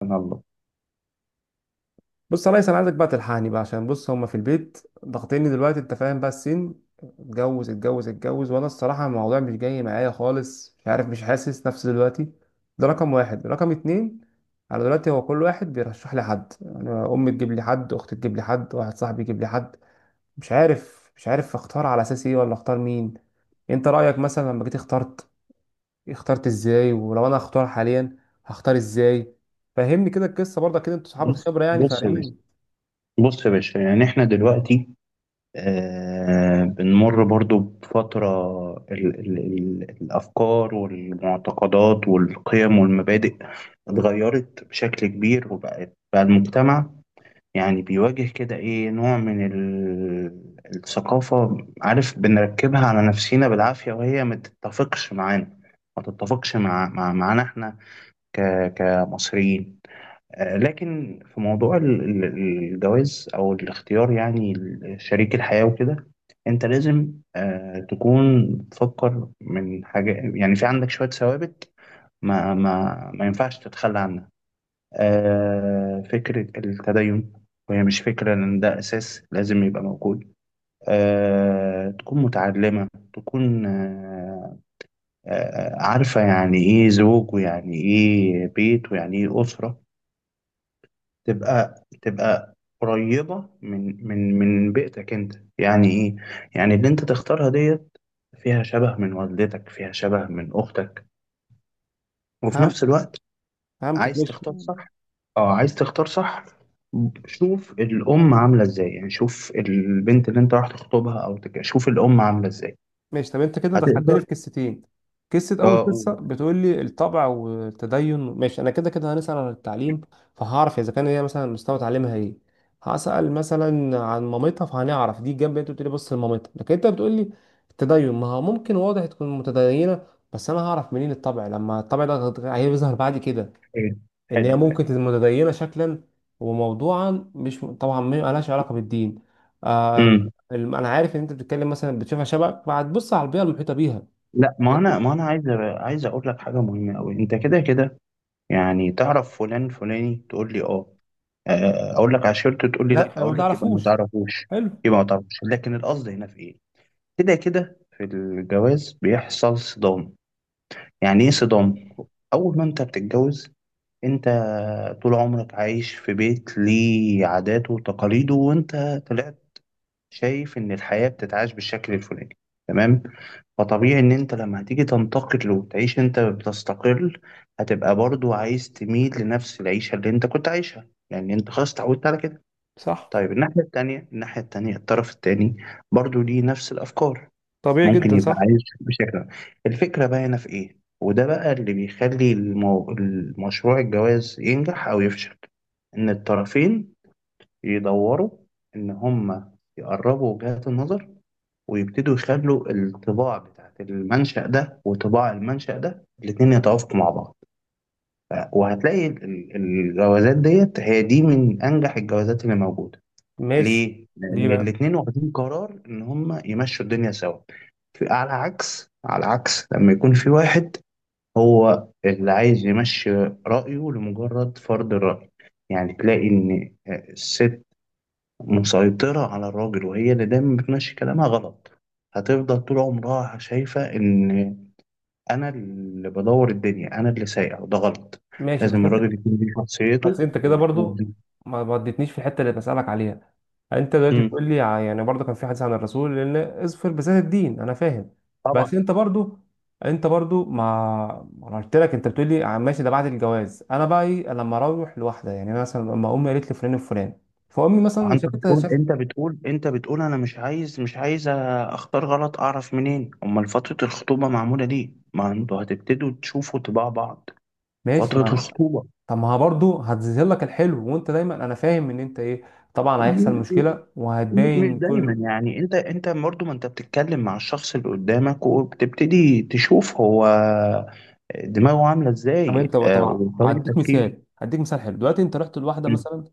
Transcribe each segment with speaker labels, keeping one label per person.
Speaker 1: سبحان الله.
Speaker 2: بص يا ريس، انا عايزك بقى تلحقني بقى. عشان بص، هما في البيت ضاغطيني دلوقتي. انت فاهم بقى؟ السن، اتجوز اتجوز اتجوز، وانا الصراحه الموضوع مش جاي معايا خالص. مش عارف، مش حاسس نفسي دلوقتي. ده رقم واحد. رقم اتنين، انا دلوقتي هو كل واحد بيرشح لي حد. يعني امي تجيب لي حد، اختي تجيب لي حد، واحد صاحبي يجيب لي حد. مش عارف اختار على اساس ايه، ولا اختار مين. انت رايك مثلا لما جيت اخترت، اخترت ازاي؟ ولو انا هختار حاليا، هختار ازاي؟ فهمني كده القصه برضه، كده انتوا اصحاب
Speaker 1: بص
Speaker 2: الخبره يعني
Speaker 1: بص يا باشا،
Speaker 2: فارقين.
Speaker 1: يعني احنا دلوقتي بنمر برضو بفترة، ال ال ال الأفكار والمعتقدات والقيم والمبادئ اتغيرت بشكل كبير، وبقت بقى المجتمع يعني بيواجه كده ايه، نوع من الثقافة، عارف، بنركبها على نفسينا بالعافية وهي ما تتفقش معانا، ما تتفقش مع معانا احنا ك كمصريين. لكن في موضوع الجواز او الاختيار، يعني شريك الحياة وكده، انت لازم تكون بتفكر من حاجة، يعني في عندك شوية ثوابت ما ينفعش تتخلى عنها. فكرة التدين، وهي مش فكرة، لأن ده أساس لازم يبقى موجود. تكون متعلمة، تكون عارفة يعني إيه زوج، ويعني إيه بيت، ويعني إيه أسرة، تبقى قريبة من من بيئتك انت، يعني ايه؟ يعني اللي انت تختارها ديت فيها شبه من والدتك، فيها شبه من اختك، وفي نفس الوقت
Speaker 2: فهمتك،
Speaker 1: عايز
Speaker 2: ماشي.
Speaker 1: تختار صح. اه عايز تختار صح. شوف الام عاملة ازاي، يعني شوف البنت اللي انت راح تخطبها او شوف الام عاملة ازاي.
Speaker 2: ماشي، طب انت كده دخلتني
Speaker 1: هتقدر.
Speaker 2: في قصتين. أول
Speaker 1: اه قول.
Speaker 2: قصة بتقول لي الطبع والتدين. ماشي، أنا كده كده هنسأل عن التعليم، فهعرف إذا كان هي مثلا مستوى تعليمها إيه. هسأل مثلا عن مامتها فهنعرف دي الجنب اللي أنت بتقول لي بص لمامتها، لكن أنت بتقول لي التدين، ما هو ممكن واضح تكون متدينة، بس أنا هعرف منين الطبع؟ لما الطبع ده هيظهر بعد كده،
Speaker 1: حلو.
Speaker 2: ان
Speaker 1: حلو
Speaker 2: هي
Speaker 1: حلو.
Speaker 2: ممكن تبقى متدينه شكلا وموضوعا مش طبعا، ما لهاش علاقه بالدين. آه.
Speaker 1: امم
Speaker 2: انا عارف ان انت بتتكلم مثلا، بتشوفها شبك فهتبص على البيئه المحيطه بيها.
Speaker 1: لا، ما انا
Speaker 2: عشان-
Speaker 1: ما انا عايز عايز اقول لك حاجه مهمه قوي. انت كده كده يعني تعرف فلان فلاني، تقول لي اه. اقول لك عشرته، تقول لي
Speaker 2: لا،
Speaker 1: لا،
Speaker 2: ما
Speaker 1: اقول لك يبقى ما
Speaker 2: بتعرفوش.
Speaker 1: تعرفوش.
Speaker 2: حلو.
Speaker 1: يبقى ما تعرفوش، لكن القصد هنا في ايه؟ كده كده في الجواز بيحصل صدام. يعني ايه صدام؟ اول ما انت بتتجوز، انت طول عمرك عايش في بيت ليه عاداته وتقاليده، وانت طلعت شايف ان الحياة بتتعاش بالشكل الفلاني، تمام؟ فطبيعي ان انت لما هتيجي تنتقل وتعيش، انت بتستقل، هتبقى برضو عايز تميل لنفس العيشة اللي انت كنت عايشها، يعني انت خلاص اتعودت على كده.
Speaker 2: صح.
Speaker 1: طيب الناحية التانية، الطرف التاني برضو ليه نفس الأفكار،
Speaker 2: طبيعي
Speaker 1: ممكن
Speaker 2: جدا.
Speaker 1: يبقى
Speaker 2: صح.
Speaker 1: عايز بشكل ما. الفكرة باينة في إيه؟ وده بقى اللي بيخلي المشروع، الجواز، ينجح أو يفشل. إن الطرفين يدوروا، إن هما يقربوا وجهات النظر، ويبتدوا يخلوا الطباع بتاعت المنشأ ده وطباع المنشأ ده الاتنين يتوافقوا مع بعض. وهتلاقي الجوازات ديت هي دي من أنجح الجوازات اللي موجودة.
Speaker 2: ماشي.
Speaker 1: ليه؟
Speaker 2: ليه
Speaker 1: لأن
Speaker 2: بقى؟
Speaker 1: الاتنين واخدين قرار إن هما يمشوا الدنيا سوا، على عكس، لما يكون في واحد هو اللي عايز يمشي رأيه لمجرد فرض الرأي، يعني تلاقي إن الست مسيطرة على الراجل، وهي اللي دايما بتمشي كلامها، غلط. هتفضل طول عمرها شايفة إن أنا اللي بدور الدنيا، أنا اللي سايق، وده غلط.
Speaker 2: ماشي.
Speaker 1: لازم الراجل يكون ليه
Speaker 2: بس
Speaker 1: شخصيته
Speaker 2: انت كده
Speaker 1: ويكون
Speaker 2: برضو
Speaker 1: دي.
Speaker 2: ما اديتنيش في الحته اللي بسالك عليها. يعني انت دلوقتي
Speaker 1: مم.
Speaker 2: بتقول لي يعني برضو كان في حديث عن الرسول، لان اظفر بذات الدين، انا فاهم. بس
Speaker 1: طبعا.
Speaker 2: انت برضو انت برضو ما انا قلت لك، انت بتقول لي ماشي، ده بعد الجواز. انا بقى ايه لما اروح لوحده؟ يعني أنا مثلا لما امي قالت لي فلان وفلان، فامي مثلا شافتها شافت.
Speaker 1: انت بتقول انا مش عايز، اختار غلط، اعرف منين؟ امال فترة الخطوبة معمولة ليه؟ ما انتوا هتبتدوا تشوفوا طباع بعض.
Speaker 2: ماشي
Speaker 1: فترة
Speaker 2: ما انا.
Speaker 1: الخطوبة
Speaker 2: طب، ما برضو هتظهر لك الحلو، وانت دايما انا فاهم ان انت ايه. طبعا هيحصل
Speaker 1: م-
Speaker 2: مشكله
Speaker 1: مش
Speaker 2: وهتبين
Speaker 1: دايما،
Speaker 2: كله.
Speaker 1: يعني انت، برضه، ما انت بتتكلم مع الشخص اللي قدامك وبتبتدي تشوف هو دماغه عاملة
Speaker 2: طب
Speaker 1: ازاي،
Speaker 2: انت طبعا
Speaker 1: وطريقة تفكيره.
Speaker 2: هديك مثال حلو. دلوقتي انت رحت لواحده
Speaker 1: م-
Speaker 2: مثلا،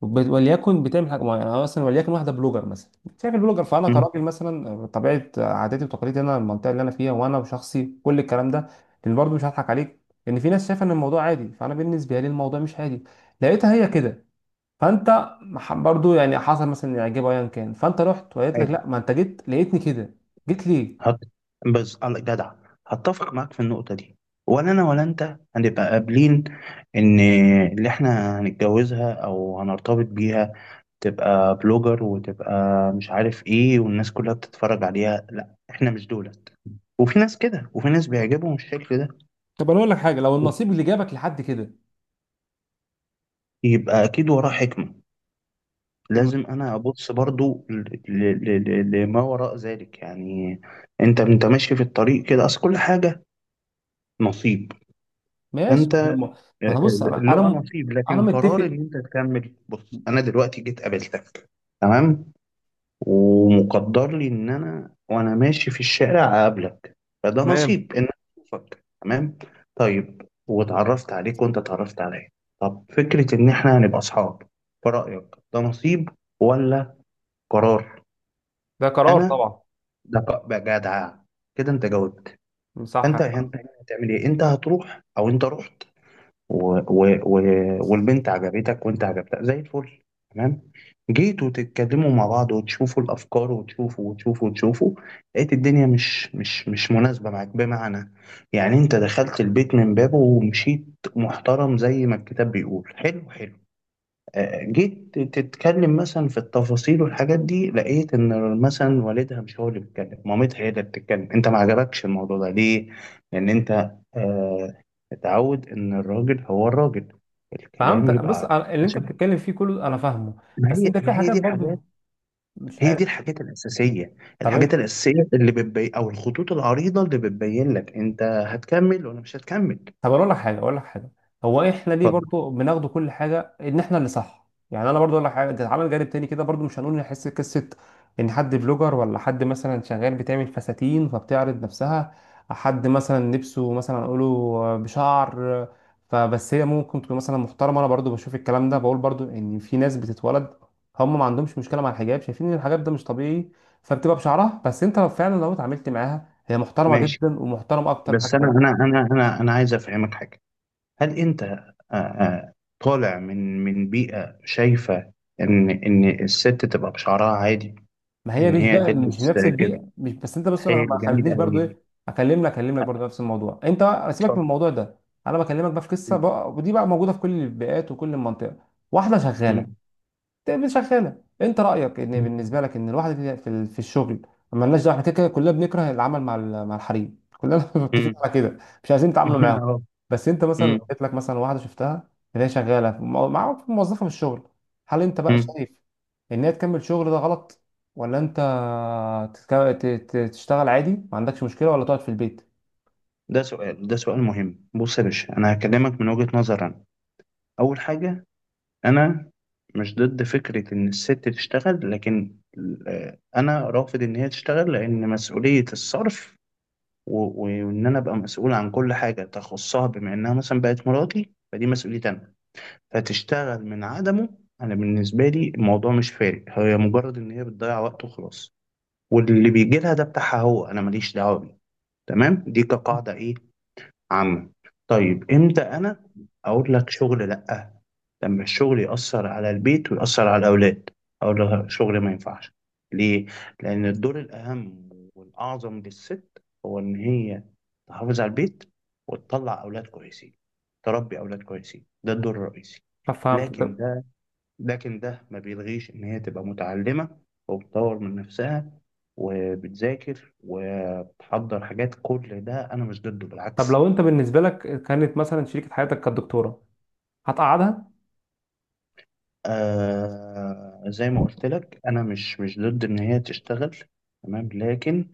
Speaker 2: وليكن بتعمل حاجه معينه، انا مثلا وليكن واحده بلوجر مثلا. شايف البلوجر؟ فانا
Speaker 1: م.
Speaker 2: كراجل مثلا، طبيعه عاداتي وتقاليدي، انا المنطقه اللي انا فيها، وانا وشخصي، كل الكلام ده، لان برضه مش هضحك عليك، ان في ناس شايفه ان الموضوع عادي، فانا بالنسبه لي الموضوع مش عادي. لقيتها هي كده، فانت برضه يعني حصل مثلا اعجاب ايا كان، فانت رحت وقالت لك لا، ما انت جيت لقيتني كده، جيت ليه؟
Speaker 1: هت... بس جدع، هتفق معاك في النقطة دي. ولا أنا ولا أنت هنبقى قابلين إن اللي إحنا هنتجوزها أو هنرتبط بيها تبقى بلوجر، وتبقى مش عارف إيه، والناس كلها بتتفرج عليها. لا، إحنا مش دولت. وفي ناس كده، وفي ناس بيعجبهم الشكل ده.
Speaker 2: طب انا اقول لك حاجه، لو النصيب اللي جابك لحد كده.
Speaker 1: يبقى أكيد وراه حكمة، لازم أنا أبص برضو لما وراء ذلك، يعني أنت، ماشي في الطريق كده، أصل كل حاجة نصيب.
Speaker 2: ماشي ما احنا
Speaker 1: فأنت
Speaker 2: ما. انا بص
Speaker 1: اللقى نصيب،
Speaker 2: انا
Speaker 1: لكن قرار ان
Speaker 2: متفق.
Speaker 1: انت تكمل. بص، انا دلوقتي جيت قابلتك، تمام؟ ومقدر لي ان انا وانا ماشي في الشارع اقابلك، فده
Speaker 2: تمام.
Speaker 1: نصيب ان انا اشوفك، تمام؟ طيب، واتعرفت عليك وانت اتعرفت عليا. طب فكرة ان احنا هنبقى اصحاب، في رأيك ده نصيب ولا قرار؟
Speaker 2: ده قرار
Speaker 1: انا
Speaker 2: طبعا.
Speaker 1: ده بقى جدع، كده انت جاوبت.
Speaker 2: صح.
Speaker 1: انت انت هتعمل ايه؟ انت هتروح او انت رحت، و... و... و... والبنت عجبتك وانت عجبتها زي الفل، تمام؟ جيتوا تتكلموا مع بعض، وتشوفوا الافكار، وتشوفوا وتشوفوا وتشوفوا، لقيت الدنيا مش مناسبه معاك، بمعنى يعني انت دخلت البيت من بابه ومشيت محترم زي ما الكتاب بيقول، حلو حلو. جيت تتكلم مثلا في التفاصيل والحاجات دي، لقيت ان مثلا والدها مش هو اللي بيتكلم، مامتها هي اللي بتتكلم، انت ما عجبكش الموضوع ده. ليه؟ لان انت آه، اتعود ان الراجل هو الراجل، الكلام
Speaker 2: فهمتك.
Speaker 1: يبقى.
Speaker 2: اللي انت
Speaker 1: عشان
Speaker 2: بتتكلم فيه كله انا فاهمه.
Speaker 1: ما
Speaker 2: بس
Speaker 1: هي،
Speaker 2: انت في حاجات
Speaker 1: دي الحاجات،
Speaker 2: برضو مش
Speaker 1: هي
Speaker 2: عارف.
Speaker 1: دي الحاجات الاساسيه،
Speaker 2: طب
Speaker 1: الحاجات
Speaker 2: انت،
Speaker 1: الاساسيه اللي بتبين، او الخطوط العريضه اللي بتبين لك انت هتكمل ولا مش هتكمل.
Speaker 2: طب، اقول لك حاجه. هو احنا ليه
Speaker 1: اتفضل.
Speaker 2: برضو بناخد كل حاجه ان احنا اللي صح؟ يعني انا برضو اقول لك حاجه. ده اتعمل جانب تاني كده برضو، مش هنقول نحس قصه، ان حد بلوجر، ولا حد مثلا شغال بتعمل فساتين فبتعرض نفسها، حد مثلا لبسه مثلا نقوله بشعر، فبس هي ممكن تكون مثلا محترمه. انا برضو بشوف الكلام ده، بقول برضو ان في ناس بتتولد هم ما عندهمش مشكله مع الحجاب، شايفين ان الحجاب ده مش طبيعي، فبتبقى بشعرها، بس انت لو فعلا لو اتعاملت معاها، هي محترمه
Speaker 1: ماشي.
Speaker 2: جدا، ومحترمه اكتر من
Speaker 1: بس
Speaker 2: حاجه
Speaker 1: انا
Speaker 2: تانيه.
Speaker 1: انا انا انا انا عايز افهمك حاجه، هل انت طالع من بيئة شايفة ان الست تبقى بشعرها عادي،
Speaker 2: ما هي
Speaker 1: ان
Speaker 2: مش
Speaker 1: هي
Speaker 2: بقى مش
Speaker 1: تلبس
Speaker 2: نفس
Speaker 1: كده؟
Speaker 2: البيئه. مش بس انت بص، انا
Speaker 1: حلو
Speaker 2: ما
Speaker 1: جميل
Speaker 2: خلتنيش برضو
Speaker 1: قوي.
Speaker 2: ايه. اكلمك برضو نفس الموضوع. انت بقى سيبك من
Speaker 1: اتفضل.
Speaker 2: الموضوع ده. انا بكلمك بقى في قصه بقى، ودي بقى موجوده في كل البيئات وكل المنطقه. واحده شغاله
Speaker 1: مم.
Speaker 2: تقابل شغاله. انت رايك ان بالنسبه لك ان الواحد في الشغل ما لناش دعوه، احنا كده كده كلنا بنكره العمل مع مع الحريم كلنا متفقين
Speaker 1: مم.
Speaker 2: على كده. مش عايزين نتعاملوا معاهم.
Speaker 1: أهو.
Speaker 2: بس انت مثلا
Speaker 1: مم.
Speaker 2: لو جات لك مثلا واحده شفتها، اللي هي شغاله في مع في موظفه في الشغل، هل انت بقى
Speaker 1: مم.
Speaker 2: شايف ان هي تكمل شغل ده غلط؟ ولا انت تشتغل عادي ما عندكش مشكله؟ ولا تقعد في البيت؟
Speaker 1: ده سؤال، مهم. بص يا باشا، انا هكلمك من وجهة نظر انا. اول حاجة، انا مش ضد فكرة ان الست تشتغل، لكن انا رافض ان هي تشتغل، لان مسؤولية الصرف وان انا ابقى مسؤول عن كل حاجه تخصها، بما انها مثلا بقت مراتي، فدي مسؤوليتي انا. فتشتغل من عدمه، انا بالنسبه لي الموضوع مش فارق، هي مجرد ان هي بتضيع وقت وخلاص، واللي بيجي لها ده بتاعها هو، انا ماليش دعوه بيه. تمام؟ دي كقاعده ايه عامه. طيب، امتى انا اقول لك شغل لا؟ لما الشغل يأثر على البيت ويأثر على الأولاد، أقول لها شغل ما ينفعش. ليه؟ لأن الدور الأهم والأعظم للست هو إن هي تحافظ على البيت وتطلع أولاد كويسين، تربي أولاد كويسين، ده الدور الرئيسي.
Speaker 2: طب فهمت.
Speaker 1: لكن
Speaker 2: طب،
Speaker 1: ده، ما بيلغيش إن هي تبقى متعلمة، وبتطور من نفسها، وبتذاكر، وبتحضر حاجات، كل ده أنا مش ضده، بالعكس.
Speaker 2: لو انت بالنسبه لك كانت مثلا شريكه حياتك كانت دكتوره، هتقعدها؟
Speaker 1: آه زي ما قلت لك، انا مش ضد ان هي تشتغل، تمام؟ لكن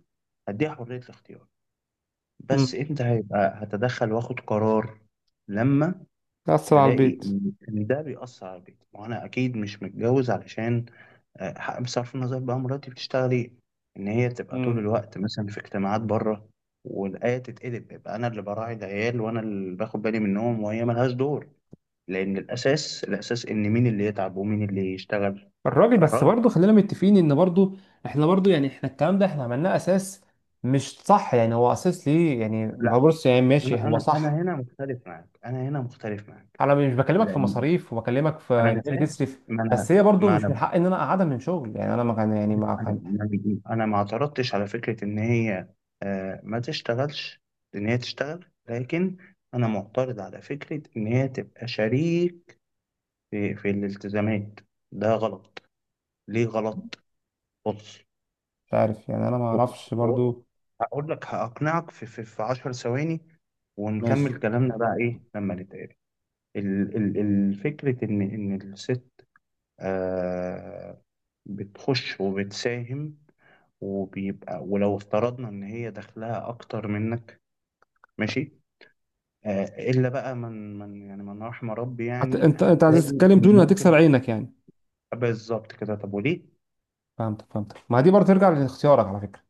Speaker 1: هديها حرية الاختيار.
Speaker 2: امم.
Speaker 1: بس امتى هيبقى هتدخل واخد قرار؟ لما
Speaker 2: تأثر على
Speaker 1: الاقي
Speaker 2: البيت.
Speaker 1: ان ده بيأثر على بيتي، وانا اكيد مش متجوز علشان بصرف النظر بقى مراتي بتشتغل ايه، ان هي تبقى طول الوقت مثلا في اجتماعات بره، والايه تتقلب، يبقى انا اللي براعي العيال، وانا اللي باخد بالي منهم، وهي ملهاش دور. لان الاساس، ان مين اللي يتعب ومين اللي يشتغل؟
Speaker 2: الراجل، بس
Speaker 1: الراجل.
Speaker 2: برضه خلينا متفقين ان برضه احنا برضه، يعني احنا الكلام ده احنا عملناه اساس، مش صح؟ يعني هو اساس ليه يعني؟ ما
Speaker 1: لا،
Speaker 2: بص، يعني ماشي، هو
Speaker 1: انا
Speaker 2: صح.
Speaker 1: هنا مختلف معاك،
Speaker 2: انا مش بكلمك في
Speaker 1: لان
Speaker 2: مصاريف، وبكلمك في
Speaker 1: انا،
Speaker 2: ان
Speaker 1: أنا
Speaker 2: هي
Speaker 1: فاهم.
Speaker 2: بتصرف،
Speaker 1: ما انا
Speaker 2: بس هي برضه
Speaker 1: ما
Speaker 2: مش من
Speaker 1: انا
Speaker 2: حق ان انا اقعدها من شغل. يعني انا ما كان يعني ما كان.
Speaker 1: انا انا ما اعترضتش على فكره ان هي ما تشتغلش، ان هي تشتغل، لكن انا معترض على فكره ان هي تبقى شريك في الالتزامات. ده غلط. ليه غلط؟ بص.
Speaker 2: مش عارف، يعني انا ما اعرفش
Speaker 1: و-
Speaker 2: برضه.
Speaker 1: هقول لك، هقنعك في في 10 ثواني،
Speaker 2: ماشي.
Speaker 1: ونكمل كلامنا بقى ايه لما نتقابل. الفكرة إن الست آه، بتخش وبتساهم، وبيبقى، ولو افترضنا ان هي دخلها اكتر منك، ماشي، آه، الا بقى من يعني من رحم ربي، يعني
Speaker 2: انت
Speaker 1: هتلاقي
Speaker 2: عايز
Speaker 1: ان
Speaker 2: تتكلم بدون ما
Speaker 1: ممكن.
Speaker 2: هتكسر عينك يعني.
Speaker 1: بالظبط كده. طب وليه؟
Speaker 2: فهمتك، فهمتك، ما دي برضه ترجع لاختيارك على فكرة.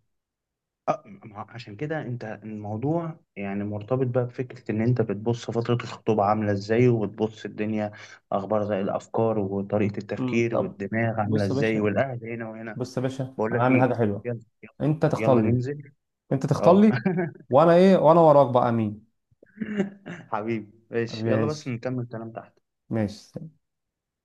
Speaker 1: ما هو عشان كده، انت الموضوع يعني مرتبط بقى بفكره ان انت بتبص فتره الخطوبه عامله ازاي، وبتبص الدنيا اخبار، زي الافكار، وطريقه
Speaker 2: امم،
Speaker 1: التفكير،
Speaker 2: طب.
Speaker 1: والدماغ عامله
Speaker 2: بص يا
Speaker 1: ازاي،
Speaker 2: باشا
Speaker 1: والاهل هنا وهنا.
Speaker 2: بص يا باشا،
Speaker 1: بقول
Speaker 2: انا
Speaker 1: لك
Speaker 2: هعمل
Speaker 1: ايه،
Speaker 2: حاجة حلوة.
Speaker 1: يلا يلا.
Speaker 2: انت تختار
Speaker 1: يلا
Speaker 2: لي،
Speaker 1: ننزل.
Speaker 2: انت تختار
Speaker 1: اه.
Speaker 2: لي، وانا ايه وانا وراك بقى مين.
Speaker 1: حبيبي، ماشي، يلا بس
Speaker 2: ماشي.
Speaker 1: نكمل كلام تحت.
Speaker 2: ماشي.